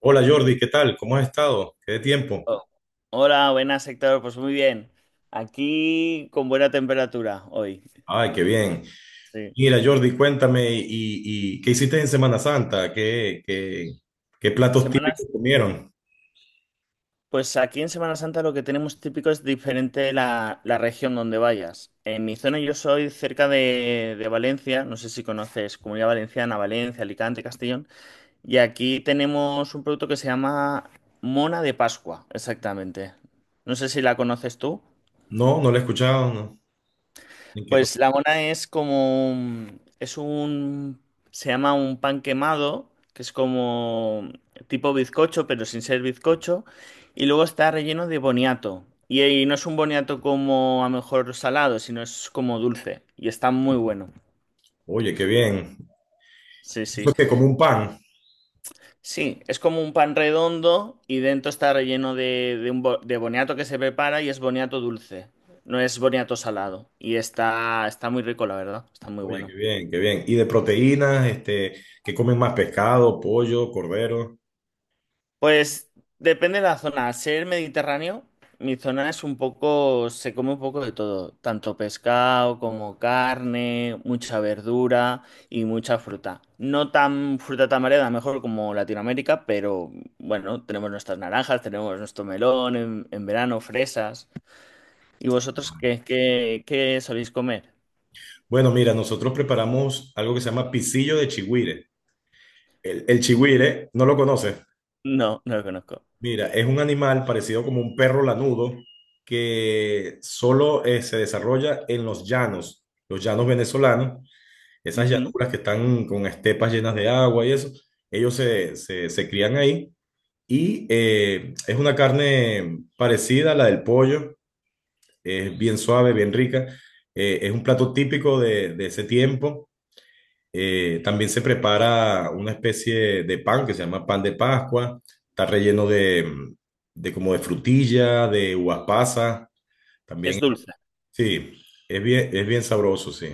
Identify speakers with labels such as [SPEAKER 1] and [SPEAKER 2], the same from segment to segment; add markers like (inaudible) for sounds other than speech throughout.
[SPEAKER 1] Hola Jordi, ¿qué tal? ¿Cómo has estado? ¿Qué de tiempo?
[SPEAKER 2] Oh, hola, buenas, Héctor. Pues muy bien. Aquí con buena temperatura hoy.
[SPEAKER 1] Ay, qué bien.
[SPEAKER 2] Sí.
[SPEAKER 1] Mira, Jordi, cuéntame, ¿Y qué hiciste en Semana Santa? ¿Qué platos típicos
[SPEAKER 2] Semanas.
[SPEAKER 1] comieron?
[SPEAKER 2] Pues aquí en Semana Santa lo que tenemos típico es diferente la región donde vayas. En mi zona yo soy cerca de Valencia, no sé si conoces Comunidad Valenciana, Valencia, Alicante, Castellón. Y aquí tenemos un producto que se llama Mona de Pascua, exactamente. No sé si la conoces tú.
[SPEAKER 1] No, no lo he escuchado, no. ¿En qué co-
[SPEAKER 2] Pues la mona es como, se llama un pan quemado, que es como tipo bizcocho, pero sin ser bizcocho, y luego está relleno de boniato. Y ahí no es un boniato como a lo mejor salado, sino es como dulce, y está muy bueno.
[SPEAKER 1] Oye, qué bien.
[SPEAKER 2] Sí,
[SPEAKER 1] Eso
[SPEAKER 2] sí.
[SPEAKER 1] es que como un pan.
[SPEAKER 2] Sí, es como un pan redondo y dentro está relleno de de boniato que se prepara y es boniato dulce, no es boniato salado. Y está muy rico, la verdad, está muy
[SPEAKER 1] Oye,
[SPEAKER 2] bueno.
[SPEAKER 1] qué bien, qué bien. Y de proteínas, este, ¿qué comen más? Pescado, pollo, cordero.
[SPEAKER 2] Pues depende de la zona. Al ser mediterráneo, mi zona es un poco, se come un poco de todo, tanto pescado como carne, mucha verdura y mucha fruta. No tan fruta tan variada, mejor como Latinoamérica, pero bueno, tenemos nuestras naranjas, tenemos nuestro melón en verano, fresas. ¿Y vosotros qué soléis comer?
[SPEAKER 1] Bueno, mira, nosotros preparamos algo que se llama pisillo de chigüire. El chigüire, ¿no lo conoces?
[SPEAKER 2] No, no lo conozco.
[SPEAKER 1] Mira, es un animal parecido como un perro lanudo que solo se desarrolla en los llanos venezolanos, esas
[SPEAKER 2] Ujú.
[SPEAKER 1] llanuras que están con estepas llenas de agua y eso, ellos se crían ahí y es una carne parecida a la del pollo, es bien suave, bien rica, es un plato típico de ese tiempo. También se prepara una especie de pan que se llama pan de Pascua. Está relleno de como de frutilla, de uvas pasas.
[SPEAKER 2] Es
[SPEAKER 1] También,
[SPEAKER 2] dulce.
[SPEAKER 1] sí, es bien sabroso, sí.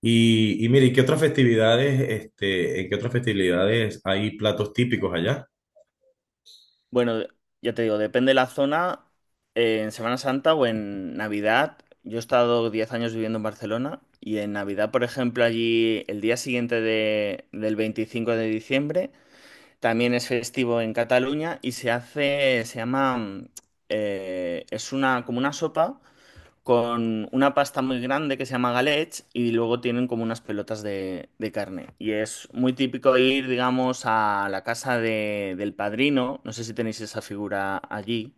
[SPEAKER 1] Y mire, ¿qué otras festividades, este, en qué otras festividades hay platos típicos allá?
[SPEAKER 2] Bueno, ya te digo, depende de la zona. En Semana Santa o en Navidad, yo he estado 10 años viviendo en Barcelona y en Navidad, por ejemplo, allí el día siguiente del 25 de diciembre también es festivo en Cataluña y se hace, se llama, es una, como una sopa con una pasta muy grande que se llama galets y luego tienen como unas pelotas de carne. Y es muy típico ir, digamos, a la casa del padrino, no sé si tenéis esa figura allí,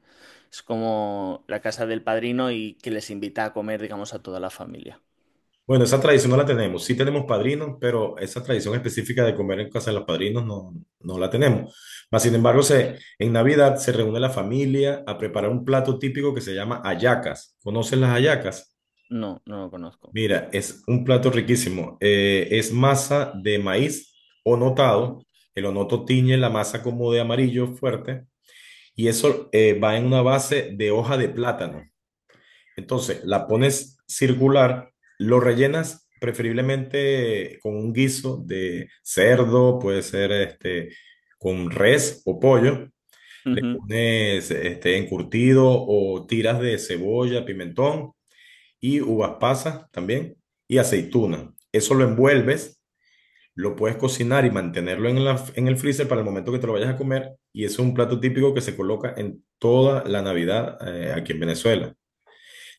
[SPEAKER 2] es como la casa del padrino y que les invita a comer, digamos, a toda la familia.
[SPEAKER 1] Bueno, esa tradición no la tenemos. Sí tenemos padrinos, pero esa tradición específica de comer en casa de los padrinos no, no la tenemos. Mas, sin embargo, en Navidad se reúne la familia a preparar un plato típico que se llama hallacas. ¿Conocen las hallacas?
[SPEAKER 2] No, no lo conozco.
[SPEAKER 1] Mira, es un plato riquísimo. Es masa de maíz onotado. El onoto tiñe la masa como de amarillo fuerte y eso va en una base de hoja de plátano. Entonces, la pones circular, lo rellenas preferiblemente con un guiso de cerdo, puede ser este, con res o pollo. Le
[SPEAKER 2] Ujú.
[SPEAKER 1] pones este, encurtido o tiras de cebolla, pimentón y uvas pasas también y aceituna. Eso lo envuelves, lo puedes cocinar y mantenerlo en el freezer para el momento que te lo vayas a comer. Y es un plato típico que se coloca en toda la Navidad, aquí en Venezuela.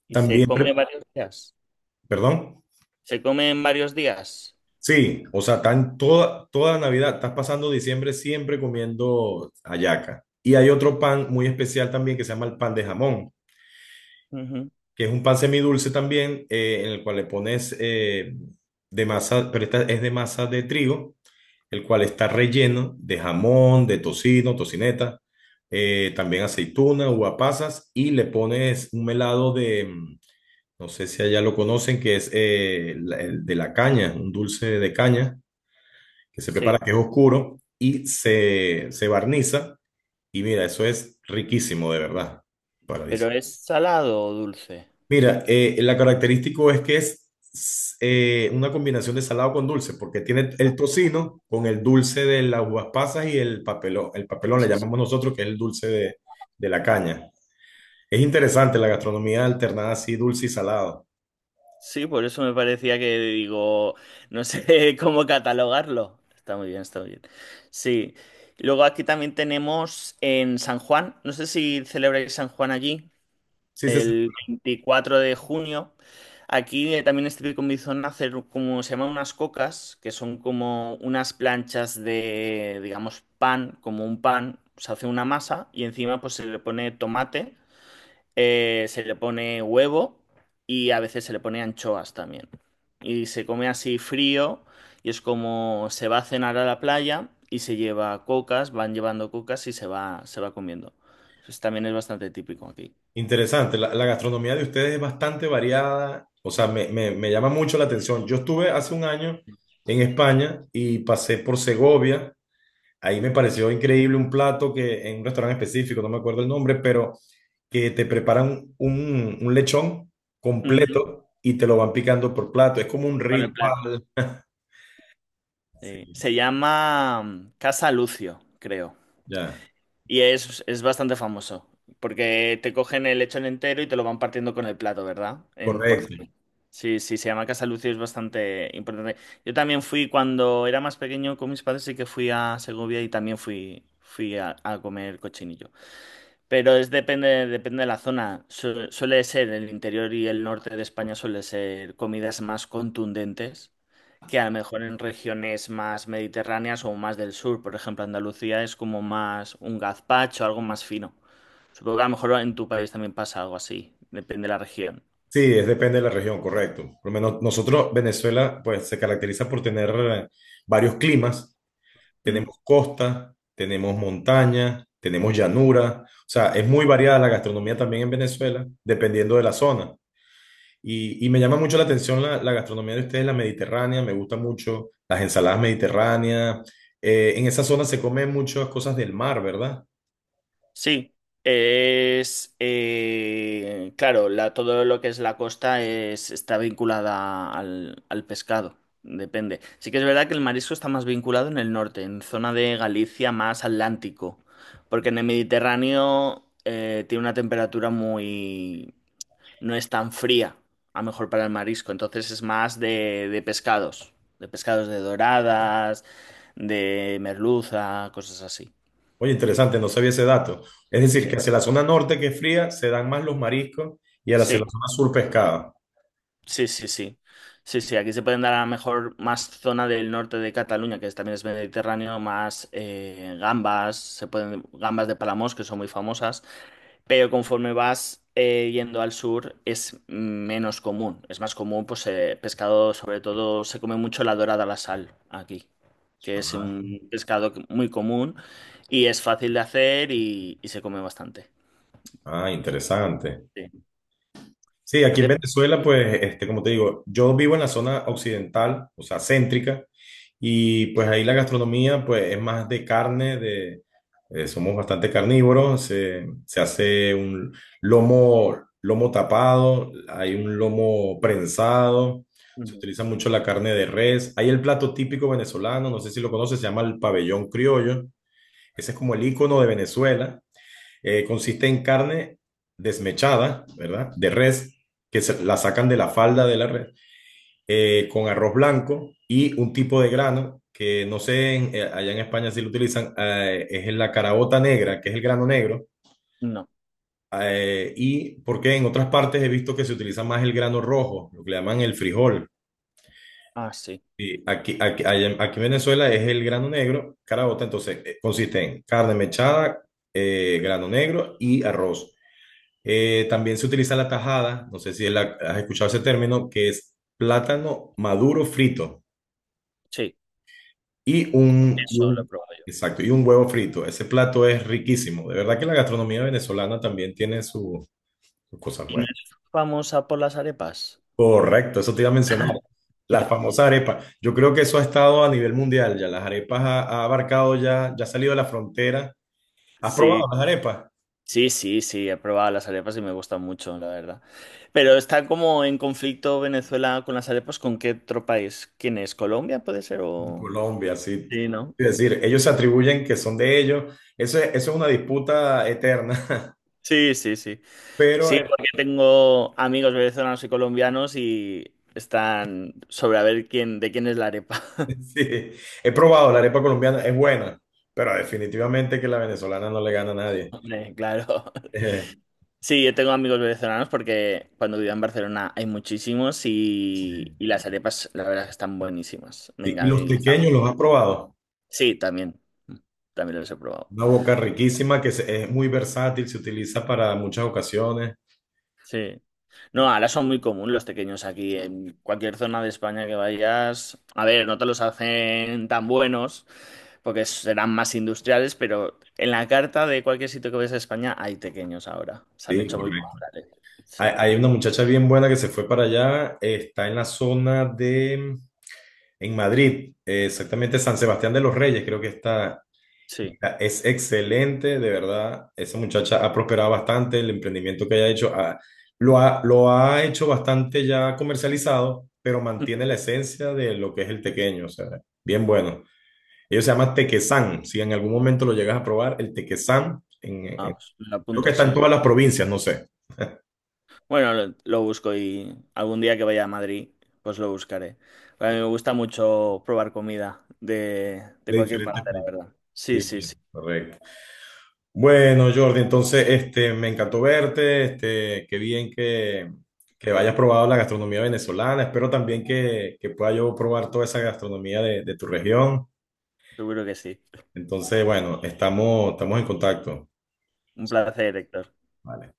[SPEAKER 2] Y se
[SPEAKER 1] También,
[SPEAKER 2] come varios días.
[SPEAKER 1] perdón.
[SPEAKER 2] Se come en varios días.
[SPEAKER 1] Sí, o sea, están toda Navidad, estás pasando diciembre siempre comiendo hallaca. Y hay otro pan muy especial también que se llama el pan de jamón,
[SPEAKER 2] Ujú.
[SPEAKER 1] que es un pan semidulce también, en el cual le pones, de masa, pero esta es de masa de trigo, el cual está relleno de jamón, de tocino, tocineta, también aceituna, uva pasas, y le pones un melado de, no sé si allá lo conocen, que es el de la caña, un dulce de caña que se
[SPEAKER 2] Sí,
[SPEAKER 1] prepara, que es oscuro, y se barniza. Y mira, eso es riquísimo, de verdad,
[SPEAKER 2] pero
[SPEAKER 1] paradisíaco.
[SPEAKER 2] ¿es salado o dulce?
[SPEAKER 1] Mira, la característico es que es una combinación de salado con dulce, porque tiene el tocino con el dulce de las uvas pasas y el papelón. El papelón le
[SPEAKER 2] Sí.
[SPEAKER 1] llamamos nosotros, que es el dulce de la caña. Es interesante la gastronomía alternada así, dulce y salado.
[SPEAKER 2] Sí, por eso me parecía que digo, no sé (laughs) cómo catalogarlo. Está muy bien, está muy bien. Sí. Luego aquí también tenemos en San Juan, no sé si celebráis San Juan allí,
[SPEAKER 1] Sí, se
[SPEAKER 2] el 24 de junio. Aquí también es típico en mi zona hacer como se llaman unas cocas, que son como unas planchas de, digamos, pan, como un pan. Se hace una masa y encima pues se le pone tomate, se le pone huevo y a veces se le pone anchoas también. Y se come así frío y es como se va a cenar a la playa y se lleva cocas, van llevando cocas y se va comiendo. Eso también es bastante típico aquí.
[SPEAKER 1] Interesante, la gastronomía de ustedes es bastante variada, o sea, me llama mucho la atención. Yo estuve hace un año en España y pasé por Segovia, ahí me pareció increíble un plato que en un restaurante específico, no me acuerdo el nombre, pero que te preparan un lechón
[SPEAKER 2] Ujú.
[SPEAKER 1] completo y te lo van picando por plato, es como un
[SPEAKER 2] Con el plato.
[SPEAKER 1] ritual.
[SPEAKER 2] Sí.
[SPEAKER 1] Sí,
[SPEAKER 2] Se llama Casa Lucio, creo.
[SPEAKER 1] ya,
[SPEAKER 2] Y es bastante famoso, porque te cogen el lechón entero y te lo van partiendo con el plato, ¿verdad? En
[SPEAKER 1] correcto.
[SPEAKER 2] porción. Sí, sí, se llama Casa Lucio, es bastante importante. Yo también fui cuando era más pequeño con mis padres, sí que fui a Segovia y también fui a comer cochinillo. Pero es depende de la zona. Suele ser el interior y el norte de España suele ser comidas más contundentes que a lo mejor en regiones más mediterráneas o más del sur, por ejemplo, Andalucía es como más un gazpacho, algo más fino. Supongo que a lo mejor en tu país también pasa algo así, depende de la región.
[SPEAKER 1] Sí, es depende de la región, correcto. Por lo menos nosotros, Venezuela, pues se caracteriza por tener, varios climas.
[SPEAKER 2] Mm.
[SPEAKER 1] Tenemos costa, tenemos montaña, tenemos llanura. O sea, es muy variada la gastronomía también en Venezuela, dependiendo de la zona. Y me llama mucho la atención la gastronomía de ustedes, la mediterránea, me gusta mucho las ensaladas mediterráneas. En esa zona se comen muchas cosas del mar, ¿verdad?
[SPEAKER 2] Sí, es claro, la, todo lo que es la costa está vinculada al pescado, depende. Sí que es verdad que el marisco está más vinculado en el norte, en zona de Galicia más atlántico, porque en el Mediterráneo tiene una temperatura muy, no es tan fría, a lo mejor para el marisco, entonces es más de pescados, de pescados de doradas, de merluza, cosas así.
[SPEAKER 1] Oye, interesante, no sabía ese dato. Es decir,
[SPEAKER 2] Sí.
[SPEAKER 1] que hacia la zona norte que es fría, se dan más los mariscos y hacia la
[SPEAKER 2] Sí,
[SPEAKER 1] zona sur pescado.
[SPEAKER 2] sí, sí, sí. Sí, sí, aquí se pueden dar a lo mejor más zona del norte de Cataluña, que también es mediterráneo, más gambas, se pueden, gambas de Palamós, que son muy famosas. Pero conforme vas yendo al sur es menos común. Es más común, pues pescado, sobre todo se come mucho la dorada a la sal aquí, que es un pescado muy común y es fácil de hacer y se come bastante.
[SPEAKER 1] Ah, interesante.
[SPEAKER 2] Sí.
[SPEAKER 1] Sí, aquí en
[SPEAKER 2] De-
[SPEAKER 1] Venezuela, pues, este, como te digo, yo vivo en la zona occidental, o sea, céntrica, y pues ahí la gastronomía, pues, es más de carne, somos bastante carnívoros, se hace un lomo, lomo tapado, hay un lomo prensado, se
[SPEAKER 2] Ujú.
[SPEAKER 1] utiliza mucho la carne de res, hay el plato típico venezolano, no sé si lo conoces, se llama el pabellón criollo, ese es como el icono de Venezuela, consiste en carne desmechada, ¿verdad? De res, que la sacan de la falda de la red, con arroz blanco y un tipo de grano que no sé, allá en España si lo utilizan, es la caraota negra, que es el grano negro,
[SPEAKER 2] No.
[SPEAKER 1] y porque en otras partes he visto que se utiliza más el grano rojo, lo que le llaman el frijol.
[SPEAKER 2] Ah, sí.
[SPEAKER 1] Y aquí en Venezuela es el grano negro, caraota, entonces consiste en carne mechada, grano negro y arroz. También se utiliza la tajada, no sé si has escuchado ese término, que es plátano maduro frito
[SPEAKER 2] Sí,
[SPEAKER 1] y un,
[SPEAKER 2] eso lo he probado yo.
[SPEAKER 1] exacto, y un huevo frito. Ese plato es riquísimo. De verdad que la gastronomía venezolana también tiene sus cosas
[SPEAKER 2] ¿Y no
[SPEAKER 1] buenas.
[SPEAKER 2] es famosa por las arepas?
[SPEAKER 1] Correcto, eso te iba a mencionar. Las famosas arepas. Yo creo que eso ha estado a nivel mundial ya. Las arepas ha abarcado ya, ya ha salido de la frontera. ¿Has probado
[SPEAKER 2] Sí.
[SPEAKER 1] las arepas?
[SPEAKER 2] Sí, sí, sí, he probado las arepas y me gustan mucho, la verdad. Pero está como en conflicto Venezuela con las arepas, ¿con qué otro país? ¿Quién es? ¿Colombia puede ser
[SPEAKER 1] Con
[SPEAKER 2] o...?
[SPEAKER 1] Colombia, sí.
[SPEAKER 2] Sí, ¿no?
[SPEAKER 1] Es decir, ellos se atribuyen que son de ellos. Eso es una disputa eterna. (laughs)
[SPEAKER 2] Sí, sí, sí.
[SPEAKER 1] Pero
[SPEAKER 2] Sí, porque tengo amigos venezolanos y colombianos y están sobre a ver quién, de quién es la arepa. (laughs)
[SPEAKER 1] (laughs) sí, he probado la arepa colombiana, es buena, pero definitivamente que la venezolana no le gana a nadie.
[SPEAKER 2] Hombre, claro.
[SPEAKER 1] (laughs)
[SPEAKER 2] Sí, yo tengo amigos venezolanos porque cuando vivía en Barcelona hay muchísimos y,
[SPEAKER 1] sí.
[SPEAKER 2] y las arepas, la verdad, que están buenísimas.
[SPEAKER 1] Sí,
[SPEAKER 2] Venga,
[SPEAKER 1] y
[SPEAKER 2] a
[SPEAKER 1] los
[SPEAKER 2] mí están.
[SPEAKER 1] tequeños los has probado.
[SPEAKER 2] Sí, también. También los he probado.
[SPEAKER 1] Una boca riquísima que es muy versátil, se utiliza para muchas ocasiones.
[SPEAKER 2] Sí. No,
[SPEAKER 1] Sí.
[SPEAKER 2] ahora son muy comunes los tequeños aquí. En cualquier zona de España que vayas, a ver, no te los hacen tan buenos porque serán más industriales, pero en la carta de cualquier sitio que vayas a España hay tequeños ahora. Se han
[SPEAKER 1] Sí,
[SPEAKER 2] hecho muy
[SPEAKER 1] correcto.
[SPEAKER 2] populares. Sí,
[SPEAKER 1] Hay una muchacha bien buena que se fue para allá, está en la zona en Madrid, exactamente San Sebastián de los Reyes, creo que
[SPEAKER 2] sí.
[SPEAKER 1] es excelente, de verdad. Esa muchacha ha prosperado bastante, el emprendimiento que haya hecho, lo ha hecho bastante ya comercializado, pero mantiene la
[SPEAKER 2] (laughs)
[SPEAKER 1] esencia de lo que es el tequeño, o sea, bien bueno. Ellos se llaman Tequesán, si en algún momento lo llegas a probar, el Tequesán,
[SPEAKER 2] Ah, pues me lo
[SPEAKER 1] creo que
[SPEAKER 2] apunto,
[SPEAKER 1] está en
[SPEAKER 2] sí.
[SPEAKER 1] todas las provincias, no sé,
[SPEAKER 2] Bueno, lo busco y algún día que vaya a Madrid, pues lo buscaré. A mí me gusta mucho probar comida de
[SPEAKER 1] de
[SPEAKER 2] cualquier
[SPEAKER 1] diferentes
[SPEAKER 2] parte, la
[SPEAKER 1] países.
[SPEAKER 2] verdad. Sí, sí,
[SPEAKER 1] Sí,
[SPEAKER 2] sí.
[SPEAKER 1] correcto. Bueno, Jordi, entonces, este, me encantó verte, este, qué bien que hayas probado la gastronomía venezolana, espero también que pueda yo probar toda esa gastronomía de tu región.
[SPEAKER 2] Seguro que sí.
[SPEAKER 1] Entonces, bueno, estamos en contacto.
[SPEAKER 2] Un placer, Héctor.
[SPEAKER 1] Vale.